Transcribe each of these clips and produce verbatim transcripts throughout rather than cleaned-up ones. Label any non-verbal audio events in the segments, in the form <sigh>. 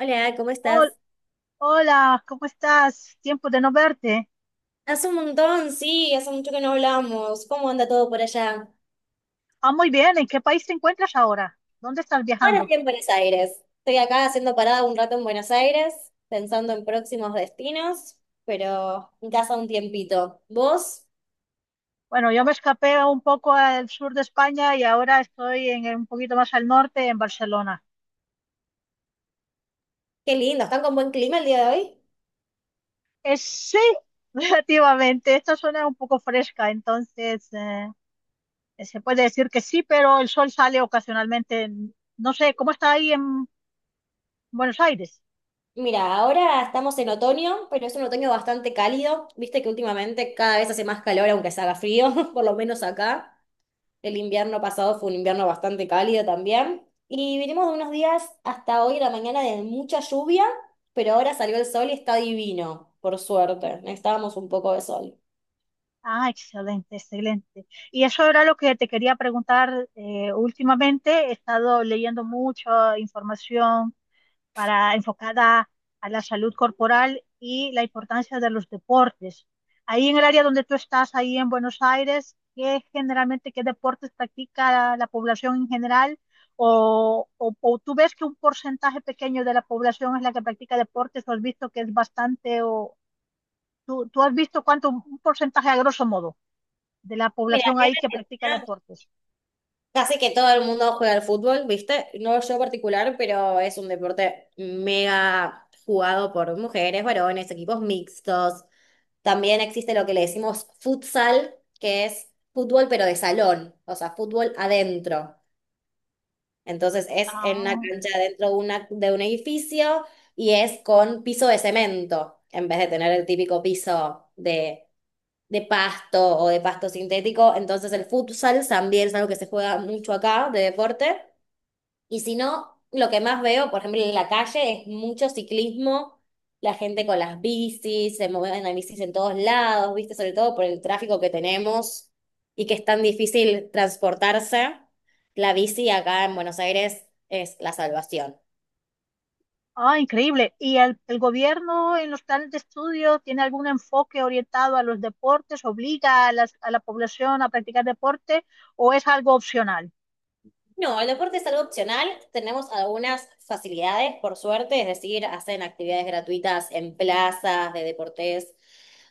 Hola, ¿cómo Hol- estás? Hola, ¿cómo estás? Tiempo de no verte. Hace un montón, sí, hace mucho que no hablamos. ¿Cómo anda todo por allá? Ah, muy bien. ¿En qué país te encuentras ahora? ¿Dónde estás Ahora viajando? estoy en Buenos Aires. Estoy acá haciendo parada un rato en Buenos Aires, pensando en próximos destinos, pero en casa un tiempito. ¿Vos? Bueno, yo me escapé un poco al sur de España y ahora estoy en, en un poquito más al norte, en Barcelona. Qué lindo, ¿están con buen clima el día de hoy? Eh, sí, <laughs> relativamente. Esta zona es un poco fresca, entonces eh, se puede decir que sí, pero el sol sale ocasionalmente. en- No sé, ¿cómo está ahí en Buenos Aires? Mira, ahora estamos en otoño, pero es un otoño bastante cálido. Viste que últimamente cada vez hace más calor, aunque se haga frío, <laughs> por lo menos acá. El invierno pasado fue un invierno bastante cálido también. Y vinimos de unos días hasta hoy, la mañana, de mucha lluvia, pero ahora salió el sol y está divino, por suerte. Necesitábamos un poco de sol. Ah, excelente, excelente. Y eso era lo que te quería preguntar. Eh, últimamente he estado leyendo mucha información para enfocada a la salud corporal y la importancia de los deportes. Ahí en el área donde tú estás, ahí en Buenos Aires, ¿qué generalmente qué deportes practica la población en general? O, o, o tú ves que un porcentaje pequeño de la población es la que practica deportes? ¿O has visto que es bastante? ¿O tú, tú has visto cuánto, un porcentaje a grosso modo de la Mira, acá población en ahí que practica Argentina deportes? casi que todo el mundo juega al fútbol, ¿viste? No yo particular, pero es un deporte mega jugado por mujeres, varones, equipos mixtos. También existe lo que le decimos futsal, que es fútbol pero de salón, o sea, fútbol adentro. Entonces es en una Ah, cancha dentro de, una, de un edificio y es con piso de cemento, en vez de tener el típico piso de, de pasto o de pasto sintético. Entonces el futsal también es algo que se juega mucho acá de deporte y si no, lo que más veo, por ejemplo, en la calle es mucho ciclismo, la gente con las bicis, se mueven las bicis en todos lados, ¿viste? Sobre todo por el tráfico que tenemos y que es tan difícil transportarse. La bici acá en Buenos Aires es la salvación. Ah, increíble. ¿Y el, el gobierno en los planes de estudio tiene algún enfoque orientado a los deportes? ¿Obliga a, las- a la población a practicar deporte o es algo opcional? No, el deporte es algo opcional. Tenemos algunas facilidades, por suerte, es decir, hacen actividades gratuitas en plazas de deportes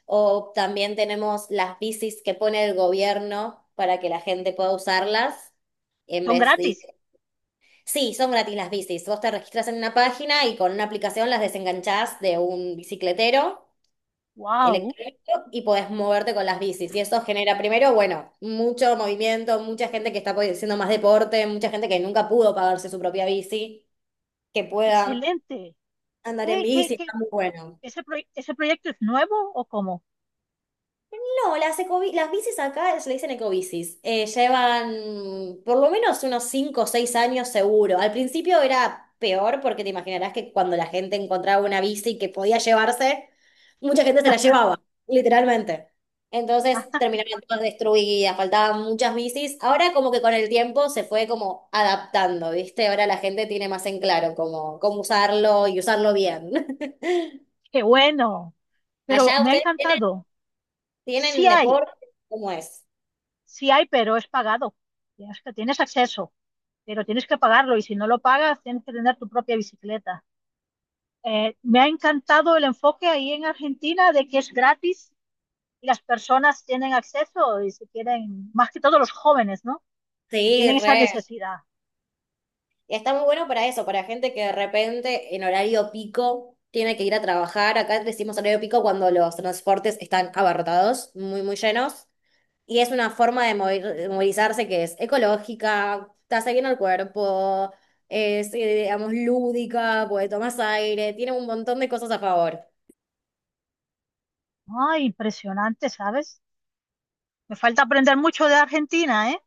o también tenemos las bicis que pone el gobierno para que la gente pueda usarlas en Son vez de... gratis. Sí, son gratis las bicis. Vos te registras en una página y con una aplicación las desenganchás de un bicicletero ¡Wow! electrónico y podés moverte con las bicis. Y eso genera primero, bueno, mucho movimiento, mucha gente que está po- haciendo más deporte, mucha gente que nunca pudo pagarse su propia bici, que pueda Excelente. andar en ¿Qué, qué, bici, está qué? muy bueno. ¿Ese, proye- ese proyecto es nuevo o cómo? No, las, ecobi- las bicis acá se le dicen ecobicis. Eh, llevan por lo menos unos cinco o seis años seguro. Al principio era peor porque te imaginarás que cuando la gente encontraba una bici que podía llevarse, mucha gente se la llevaba, literalmente. Entonces Ah, <laughs> terminaban todas destruidas, faltaban muchas bicis. Ahora como que con el tiempo se fue como adaptando, ¿viste? Ahora la gente tiene más en claro cómo, cómo usarlo y usarlo bien. ¡Qué bueno! <laughs> Pero Allá me ha ustedes tienen, encantado. Sí tienen hay, deporte, ¿cómo es? sí hay, pero es pagado. Tienes que- Tienes acceso. Pero tienes que pagarlo y si no lo pagas, tienes que tener tu propia bicicleta. Eh, me ha encantado el enfoque ahí en Argentina de que es gratis y las personas tienen acceso y se quieren, más que todos los jóvenes, ¿no? Que Sí, tienen esa re. necesidad. Y está muy bueno para eso, para gente que de repente en horario pico tiene que ir a trabajar. Acá decimos horario pico cuando los transportes están abarrotados, muy, muy llenos. Y es una forma de movi- de movilizarse que es ecológica, te hace bien al cuerpo, es, eh, digamos, lúdica, porque tomas aire, tiene un montón de cosas a favor. Ay, impresionante, ¿sabes? Me falta aprender mucho de Argentina, ¿eh?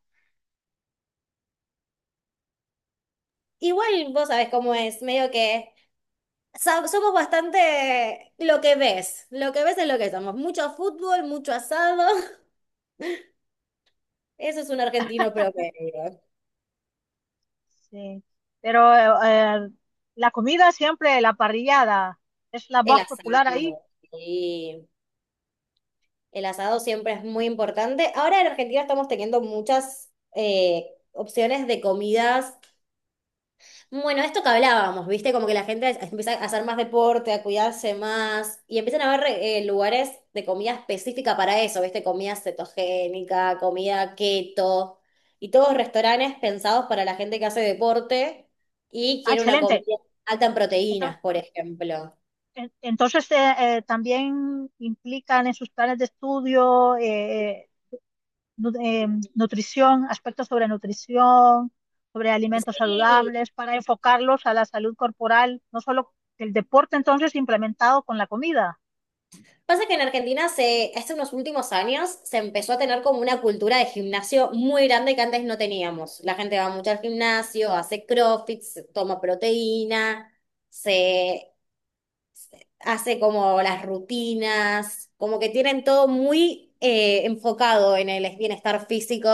Igual vos sabés cómo es, medio que so- somos bastante lo que ves, lo que ves es lo que somos. Mucho fútbol, mucho asado, <laughs> eso es un argentino promedio. Sí. Pero eh, la comida siempre, la parrillada, es la El más asado, popular ahí. sí. El asado siempre es muy importante. Ahora en Argentina estamos teniendo muchas eh, opciones de comidas. Bueno, esto que hablábamos, ¿viste? Como que la gente es- empieza a hacer más deporte, a cuidarse más y empiezan a haber eh, lugares de comida específica para eso, ¿viste? Comida cetogénica, comida keto y todos restaurantes pensados para la gente que hace deporte y Ah, quiere una excelente. comida alta en Entonces, proteínas, por ejemplo. En- Entonces, eh, eh, también implican en sus planes de estudio eh, eh, nu- eh, nutrición, aspectos sobre nutrición, sobre alimentos Sí, saludables, para enfocarlos a la salud corporal, no solo el deporte entonces implementado con la comida. pasa que en Argentina se, hace unos últimos años se empezó a tener como una cultura de gimnasio muy grande que antes no teníamos. La gente va mucho al gimnasio, hace CrossFit, se toma proteína, se hace como las rutinas, como que tienen todo muy eh, enfocado en el bienestar físico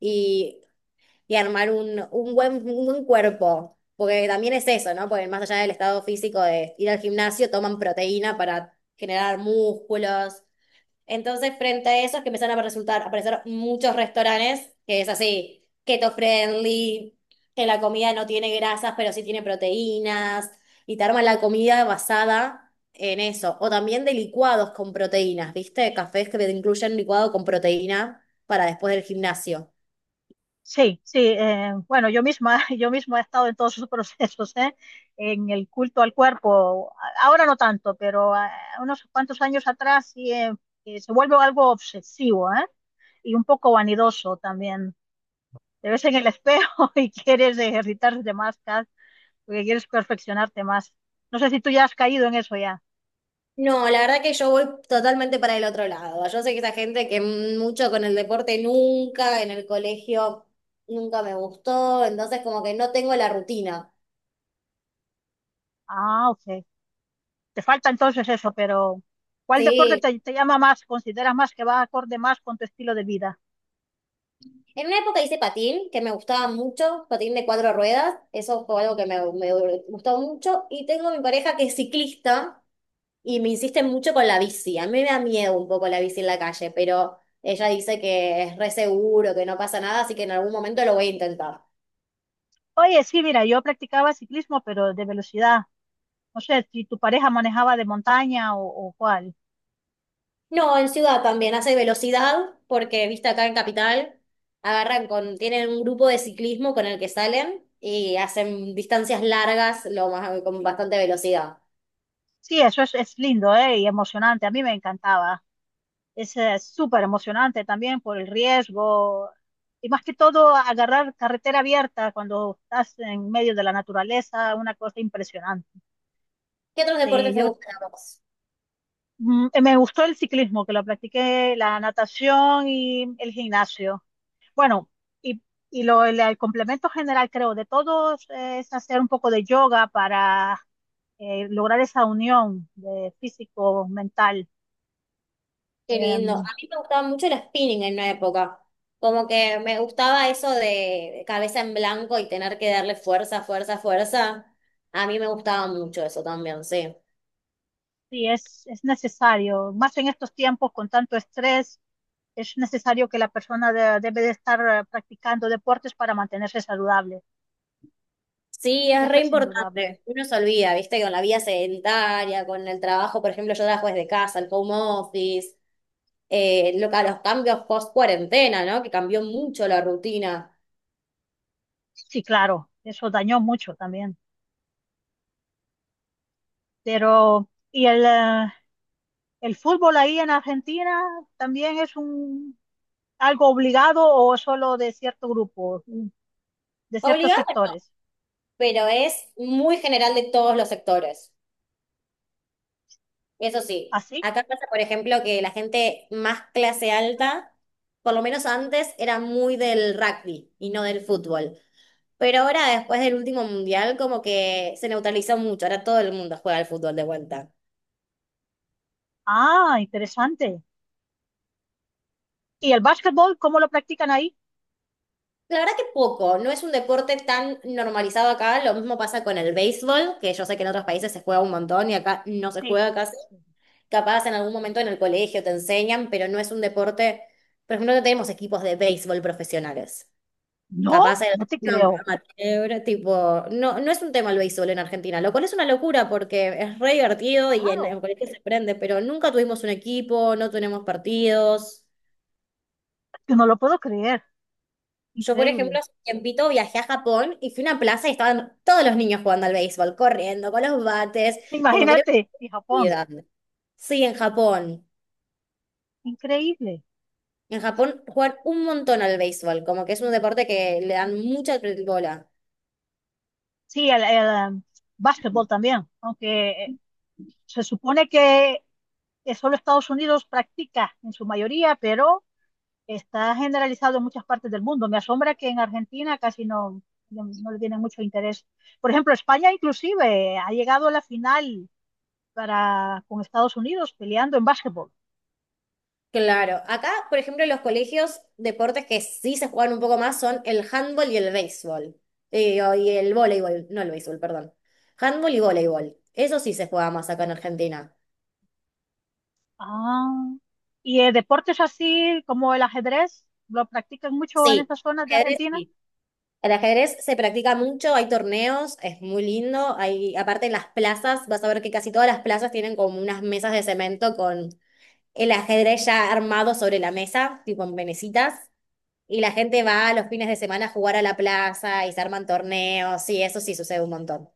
y, y armar un, un buen, un buen cuerpo. Porque también es eso, ¿no? Porque más allá del estado físico de ir al gimnasio, toman proteína para generar músculos. Entonces, frente a eso es que empezaron a resultar, a aparecer muchos restaurantes que es así, keto friendly, que la comida no tiene grasas, pero sí tiene proteínas, y te arman la comida basada en eso. O también de licuados con proteínas, ¿viste? Cafés que te incluyen licuado con proteína para después del gimnasio. Sí, sí, eh, bueno, yo misma, <laughs> yo misma he estado en todos esos procesos, ¿eh? En el culto al cuerpo. A- Ahora no tanto, pero ah, unos cuantos años atrás sí, eh, eh, se vuelve algo obsesivo, ¿eh? Y un poco vanidoso también. Te ves en el espejo <laughs> y quieres ejercitarte más, Kat, porque quieres perfeccionarte más. No sé si tú ya has caído en eso ya. No, la verdad que yo voy totalmente para el otro lado. Yo sé que esa gente que mucho con el deporte nunca, en el colegio nunca me gustó, entonces como que no tengo la rutina. Ah, ok. Te falta entonces eso, pero ¿cuál deporte Sí, te, te llama más? ¿Consideras más que va acorde más con tu estilo de vida? en una época hice patín, que me gustaba mucho, patín de cuatro ruedas, eso fue algo que me, me gustó mucho, y tengo mi pareja que es ciclista y me insiste mucho con la bici, a mí me da miedo un poco la bici en la calle, pero ella dice que es re seguro, que no pasa nada, así que en algún momento lo voy a intentar. Oye, sí, mira, yo practicaba ciclismo, pero de velocidad. No sé si tu pareja manejaba de montaña o, o cuál. No, en ciudad también hace velocidad, porque viste acá en Capital, agarran con, tienen un grupo de ciclismo con el que salen y hacen distancias largas lo más, con bastante velocidad. Sí, eso es, es lindo, ¿eh? Y emocionante. A mí me encantaba. Es eh, súper emocionante también por el riesgo y más que todo agarrar carretera abierta cuando estás en medio de la naturaleza, una cosa impresionante. ¿Qué otros Sí, deportes te yo gustan a vos? mm, me gustó el ciclismo, que lo practiqué, la natación y el gimnasio. Bueno, y, y lo, el, el complemento general creo de todos eh, es hacer un poco de yoga para eh, lograr esa unión de físico-mental. Qué lindo. A mí me gustaba mucho el spinning en una época. Como que me gustaba eso de de cabeza en blanco y tener que darle fuerza, fuerza, fuerza. A mí me gustaba mucho eso también, sí. Sí, es, es necesario, más en estos tiempos con tanto estrés, es necesario que la persona de- debe de estar eh, practicando deportes para mantenerse saludable. Sí, es Eso re es indudable. importante. Uno se olvida, ¿viste? Con la vida sedentaria, con el trabajo, por ejemplo, yo trabajo desde casa, el home office, eh, lo que- los cambios post cuarentena, ¿no? Que cambió mucho la rutina. Sí, claro, eso dañó mucho también. Pero, y el, eh, el fútbol ahí en Argentina también es un algo obligado o solo de cierto grupo, de ciertos Obligado, no, sectores. pero es muy general de todos los sectores. Eso sí, ¿Así? acá pasa, por ejemplo, que la gente más clase alta, por lo menos antes, era muy del rugby y no del fútbol. Pero ahora, después del último mundial, como que se neutralizó mucho. Ahora todo el mundo juega al fútbol de vuelta. Ah, interesante. ¿Y el básquetbol, cómo lo practican ahí? La verdad que poco, no es un deporte tan normalizado acá. Lo mismo pasa con el béisbol, que yo sé que en otros países se juega un montón y acá no se Sí, juega casi. sí. Capaz en algún momento en el colegio te enseñan, pero no es un deporte. Por ejemplo, no tenemos equipos de béisbol profesionales. No, Capaz en no te una creo. amateur, tipo, no, no es un tema el béisbol en Argentina, lo cual es una locura porque es re divertido y en, Claro, en cualquier se prende, pero nunca tuvimos un equipo, no tenemos partidos. que no lo puedo creer, Yo, por ejemplo, increíble. hace un tiempito viajé a Japón y fui a una plaza y estaban todos los niños jugando al béisbol, corriendo, con los bates, como que era Imagínate, una y Japón, actividad. Sí, en Japón. increíble. En Japón juegan un montón al béisbol, como que es un deporte que le dan mucha bola. Sí, el, el, um, básquetbol también, aunque eh, se supone que eh, solo Estados Unidos practica en su mayoría, pero está generalizado en muchas partes del mundo. Me asombra que en Argentina casi no, no, no le tienen mucho interés. Por ejemplo, España inclusive eh, ha llegado a la final para, con Estados Unidos peleando en básquetbol. Claro, acá, por ejemplo, en los colegios, deportes que sí se juegan un poco más son el handball y el béisbol. Eh, o- y el voleibol, no el béisbol, perdón. Handball y voleibol. Eso sí se juega más acá en Argentina. Ah, y eh, deportes así como el ajedrez, lo practican mucho en Sí, esas zonas de ajedrez Argentina, sí. El ajedrez se practica mucho, hay torneos, es muy lindo. Hay, aparte en las plazas, vas a ver que casi todas las plazas tienen como unas mesas de cemento con el ajedrez ya armado sobre la mesa, tipo en venecitas. Y la gente va a los fines de semana a jugar a la plaza y se arman torneos, y eso sí sucede un montón.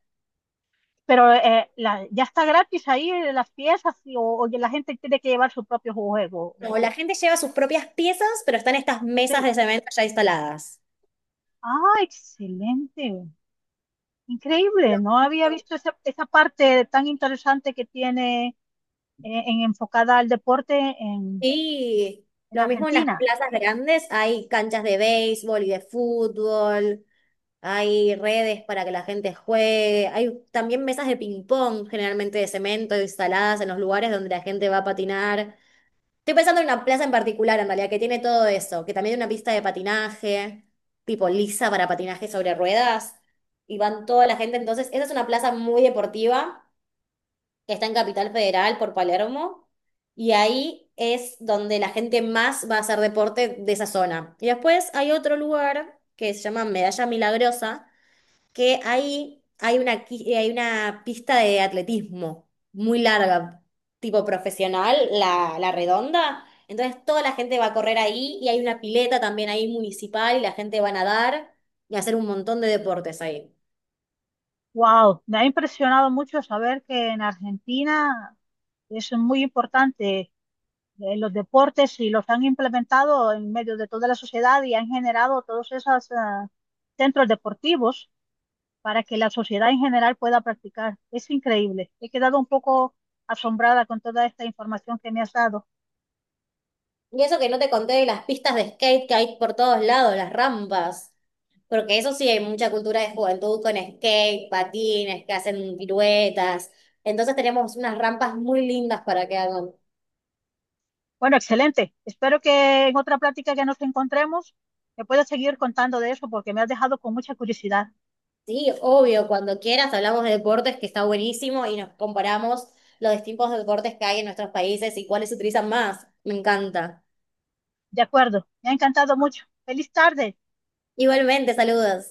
pero eh, la- ya está gratis ahí eh, las piezas y- o, o la gente tiene que llevar su propio juego. o- O la gente lleva sus propias piezas, pero están estas mesas Sí. de cemento ya instaladas. Ah, excelente. Increíble. No había visto esa, esa parte tan interesante que tiene eh, en enfocada al deporte en, Y en lo mismo en las Argentina. plazas grandes, hay canchas de béisbol y de fútbol, hay redes para que la gente juegue, hay también mesas de ping-pong generalmente de cemento instaladas en los lugares donde la gente va a patinar. Estoy pensando en una plaza en particular, en realidad, que tiene todo eso, que también hay una pista de patinaje, tipo lisa para patinaje sobre ruedas, y van toda la gente. Entonces, esa es una plaza muy deportiva que está en Capital Federal por Palermo, y ahí es donde la gente más va a hacer deporte de esa zona. Y después hay otro lugar que se llama Medalla Milagrosa que ahí hay una, qui- eh, hay una pista de atletismo muy larga, tipo profesional, la, la redonda. Entonces toda la gente va a correr ahí y hay una pileta también ahí municipal y la gente va a nadar y a hacer un montón de deportes ahí. Wow, me ha impresionado mucho saber que en Argentina es muy importante eh, los deportes y los han implementado en medio de toda la sociedad y han generado todos esos ah, centros deportivos para que la sociedad en general pueda practicar. Es increíble. He quedado un poco asombrada con toda esta información que me has dado. Y eso que no te conté de las pistas de skate que hay por todos lados, las rampas. Porque eso sí, hay mucha cultura de juventud con skate, patines, que hacen piruetas. Entonces tenemos unas rampas muy lindas para que hagan. Bueno, excelente. Espero que en otra plática que nos encontremos me puedas seguir contando de eso porque me has dejado con mucha curiosidad. Sí, obvio, cuando quieras hablamos de deportes, que está buenísimo, y nos comparamos los distintos deportes que hay en nuestros países y cuáles se utilizan más. Me encanta. De acuerdo. Me ha encantado mucho. Feliz tarde. Igualmente, saludos.